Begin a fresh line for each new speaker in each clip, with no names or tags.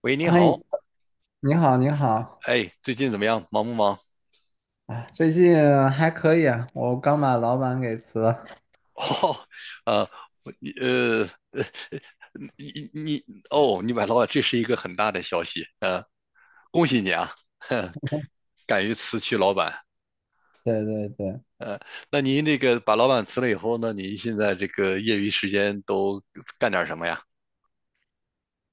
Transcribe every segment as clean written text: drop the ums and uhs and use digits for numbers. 喂，你
嗨，
好。
你好，你好，
哎，最近怎么样？忙不忙？
啊，最近还可以啊，我刚把老板给辞了。
哦，呃，你呃，你你哦，你买老板，这是一个很大的消息，恭喜你啊。敢于辞去老板。
对对对，
呃，那您这个把老板辞了以后呢，您现在这个业余时间都干点什么呀？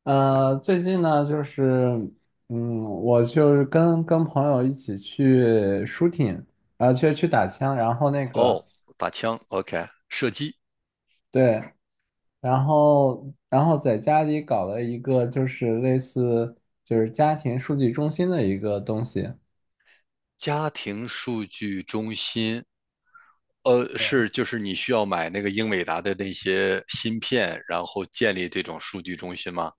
最近呢，就是，我就是跟朋友一起去 shooting，啊，去打枪，然后那
哦，
个，
打枪，OK，射击。
对，然后在家里搞了一个就是类似就是家庭数据中心的一个东西。
家庭数据中心，是就是你需要买那个英伟达的那些芯片，然后建立这种数据中心吗？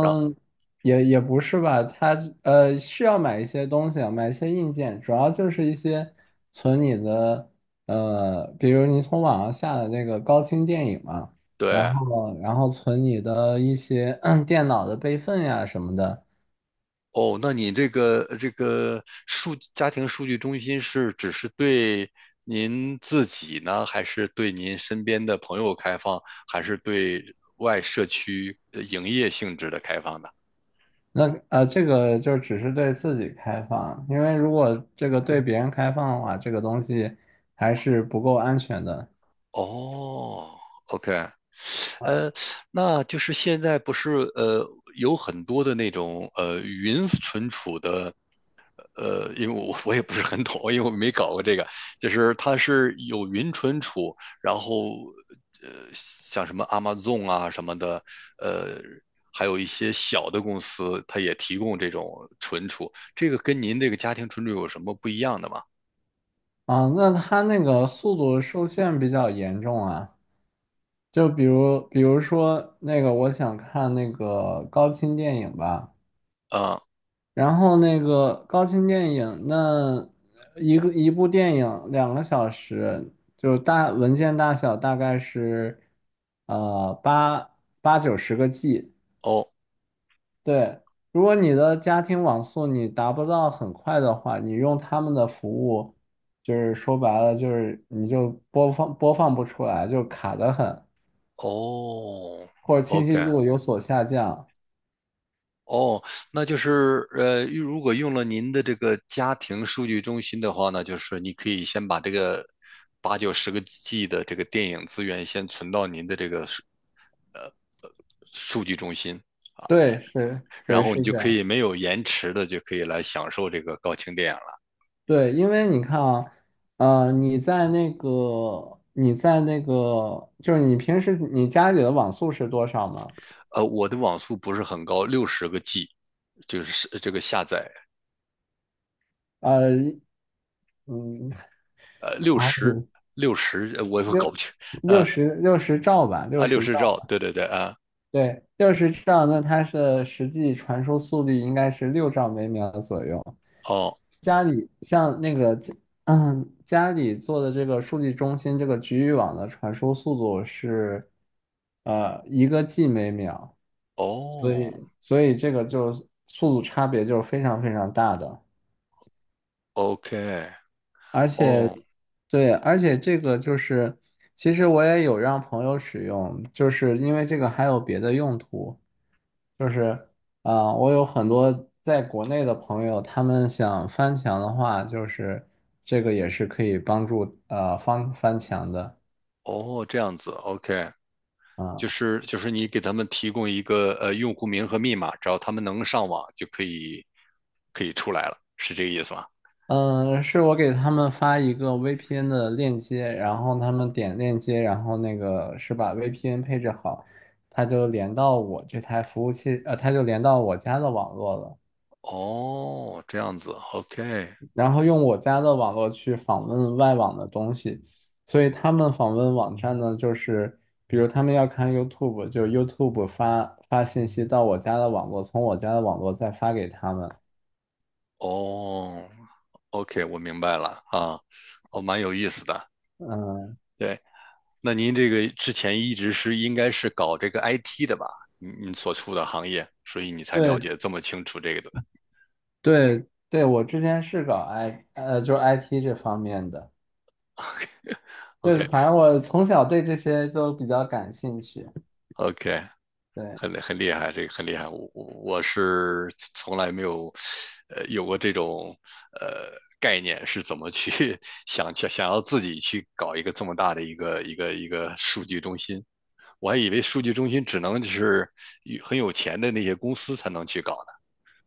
让
也不是吧，它是要买一些东西啊，买一些硬件，主要就是一些存你的比如你从网上下的那个高清电影嘛，然
对。
后然后存你的一些 电脑的备份呀什么的。
哦，那你这个数家庭数据中心是只是对您自己呢，还是对您身边的朋友开放，还是对外社区呃营业性质的开放的？
那这个就只是对自己开放，因为如果这个对别人开放的话，这个东西还是不够安全的
哦，OK。呃，那就是现在不是呃有很多的那种呃云存储的。因为我 我也不是很懂，因为我没搞过这个，就是它是有云存储，然后像什么 Amazon 啊什么的。呃，还有一些小的公司，它也提供这种存储，这个跟您这个家庭存储有什么不一样的吗？
啊。那它那个速度受限比较严重啊。就比如说那个，我想看那个高清电影吧。
啊，
然后那个高清电影，那一部电影2个小时，就大文件大小大概是呃八八九十个 G。
哦
对，如果你的家庭网速你达不到很快的话，你用他们的服务，就是说白了就是你就播放不出来，就卡得很，
哦
或者清晰
，OK。
度有所下降。
哦，那就是如果用了您的这个家庭数据中心的话呢，就是你可以先把这个八九十个 G 的这个电影资源先存到您的这个呃数据中心啊，
对，是，对，
然后你
是
就
这
可
样。
以没有延迟的就可以来享受这个高清电影了。
对，因为你看啊，你在那个，你在那个，就是你平时你家里的网速是多少吗？
我的网速不是很高，六十个 G 就是这个下载。
呃，嗯，
呃，六
啊，
十六十我也搞不
六
清。
六
呃
十六十兆吧，六
啊六
十
十兆，
兆。
对对对啊。
对，六十兆，那它的实际传输速率应该是6兆每秒左右。
哦
家里像那个家里做的这个数据中心这个局域网的传输速度是，一个 G 每秒，所
哦
以所以这个就是速度差别就是非常非常大的。
，OK。
而且，
哦。
对，而且这个就是，其实我也有让朋友使用，就是因为这个还有别的用途，就是啊、我有很多在国内的朋友，他们想翻墙的话，就是这个也是可以帮助翻墙的
哦，这样子，OK。
啊。
就是你给他们提供一个呃用户名和密码，只要他们能上网就可以出来了，是这个意思吗？
嗯，是我给他们发一个 VPN 的链接，然后他们点链接，然后那个是把 VPN 配置好，他就连到我这台服务器，他就连到我家的网络了，
哦，这样子，OK。
然后用我家的网络去访问外网的东西，所以他们访问网站呢，就是比如他们要看 YouTube，就 YouTube 发信息到我家的网络，从我家的网络再发给他们。
哦，OK，我明白了啊。哦，蛮有意思的。
嗯，
对，那您这个之前一直是应该是搞这个 IT 的吧？你你所处的行业，所以你才了
对，
解这么清楚这个的。
对对，我之前是搞 I 呃，就是 IT 这方面的，就是反正我从小对这些就比较感兴趣。
OK，OK。
对
很很厉害，这个很厉害。我我是从来没有，有过这种呃概念，是怎么去 想要自己去搞一个这么大的一个数据中心。我还以为数据中心只能就是很有钱的那些公司才能去搞呢，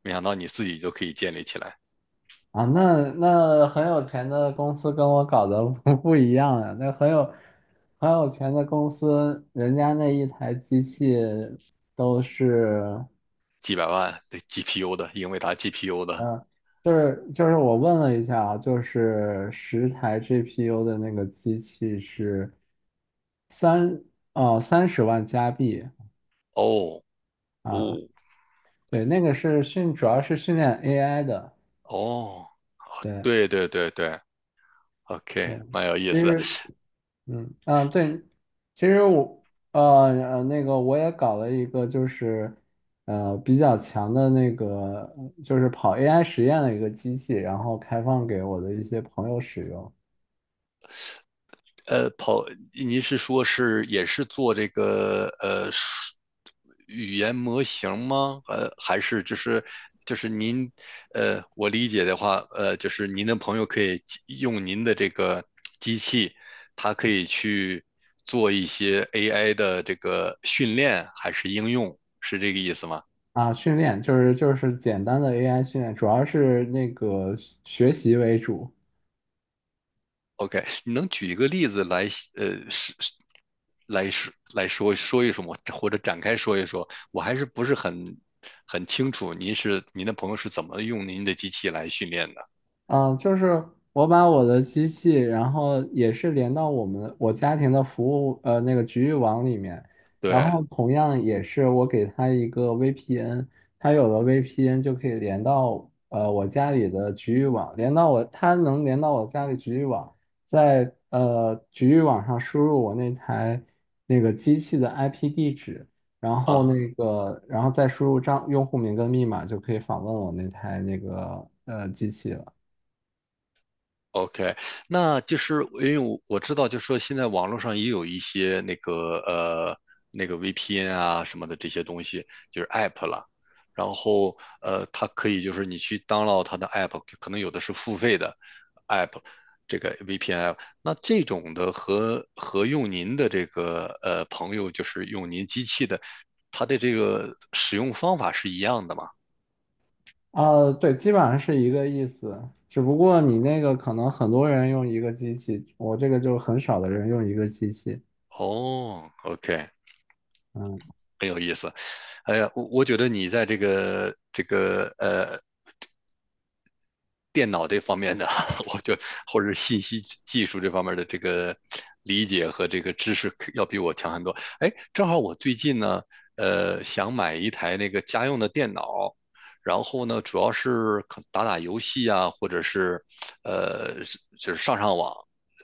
没想到你自己就可以建立起来。
啊，那很有钱的公司跟我搞的 不一样啊，那很有钱的公司，人家那一台机器都是，
几百万的 GPU 的英伟达 GPU 的。
嗯、就是我问了一下啊，就是10台 GPU 的那个机器是三哦三十万加币。
哦哦
啊，对，那个是主要是训练 AI 的。
哦，
对
对对对对
对，
，OK,蛮有意
其
思。
实，嗯嗯，对，其实我呃呃那个我也搞了一个，就是比较强的那个，就是跑 AI 实验的一个机器，然后开放给我的一些朋友使用
呃，跑，您是说是也是做这个语言模型吗？还是就是您，我理解的话，就是您的朋友可以机用您的这个机器，它可以去做一些 AI 的这个训练还是应用，是这个意思吗？
啊，训练就是简单的 AI 训练，主要是那个学习为主。
OK。你能举一个例子来，呃，是是来说说一说吗？或者展开说一说？我还是不是很清楚，您是您的朋友是怎么用您的机器来训练的？
嗯，就是我把我的机器，然后也是连到我家庭的服务呃那个局域网里面，然
对
后同样也是我给它一个 VPN，它有了 VPN 就可以连到我家里的局域网，连到我它能连到我家里局域网，在局域网上输入我那台那个机器的 IP 地址，然后
啊，
那个然后再输入用户名跟密码就可以访问我那台那个机器了。
OK。那就是因为我知道，就是说现在网络上也有一些那个VPN 啊什么的这些东西，就是 App 了。然后它可以就是你去 download 它的 App，可能有的是付费的 App，这个 VPN 那这种的和用您的这个呃朋友就是用您机器的，它的这个使用方法是一样的吗？
啊，对，基本上是一个意思，只不过你那个可能很多人用一个机器，我这个就很少的人用一个机器。
哦，OK，
嗯
很有意思。哎呀，我觉得你在这个电脑这方面的，我就或者信息技术这方面的这个理解和这个知识要比我强很多。哎，正好我最近呢，想买一台那个家用的电脑，然后呢，主要是可打打游戏啊，或者是呃，就是上上网。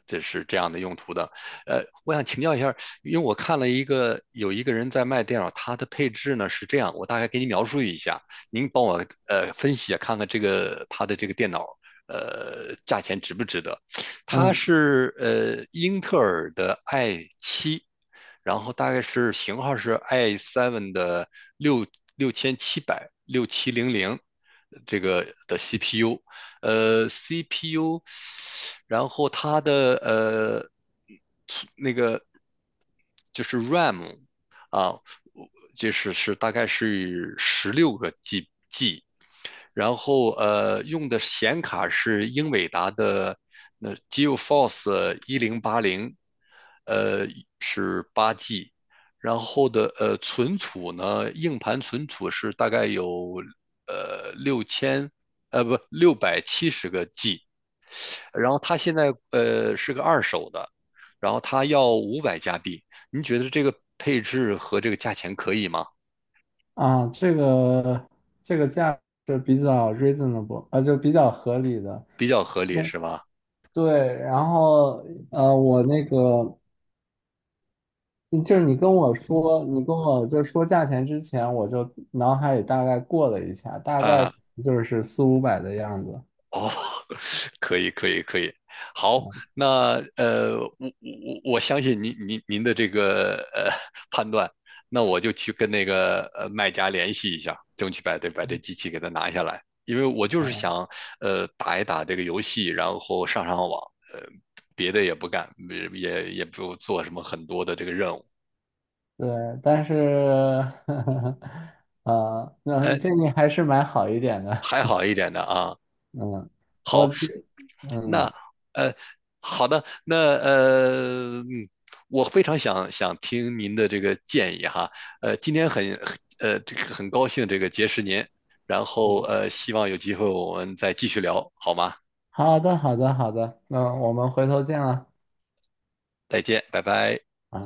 这是这样的用途的。我想请教一下，因为我看了一个有一个人在卖电脑，他的配置呢是这样，我大概给你描述一下，您帮我分析啊，看看这个它的这个电脑呃价钱值不值得？它
嗯
是呃英特尔的 i7，然后大概是型号是 i seven 的六六千七百六七零零这个的 CPU，呃 CPU，然后它的就是 RAM 啊，就是是大概是十六个 G。然后呃用的显卡是英伟达的那 GeForce 1080。呃，然后的呃存储呢，硬盘存储是大概有呃六千呃不六百七十个 G，然后它现在呃是个二手的，然后它要五百加币。您觉得这个配置和这个价钱可以吗？
啊，这个这个价是比较 reasonable，啊，就比较合理的。
比较合理
对
是吧？
对，然后我那个嗯就是你跟我就说价钱之前，我就脑海里大概过了一下，大概
啊，
就是四五百的样子。
哦，可以，可以，可以。好，那我相信您的这个判断，那我就去跟那个呃卖家联系一下，争取把这机器给它拿下来，因为我就是想呃打一打这个游戏，然后上上网。呃，别的也不干，也不做什么很多的这个任务。
对，但是，啊，那
呃，
建议还是买好一点的。
还好一点的啊。
嗯，我，
那
嗯
呃，好的，那我非常听您的这个建议哈。今天这个很高兴这个结识您，然后
嗯，
希望有机会我们再继续聊，好吗？
好的，好的，好的，那我们回头见了。
再见，拜拜。
啊。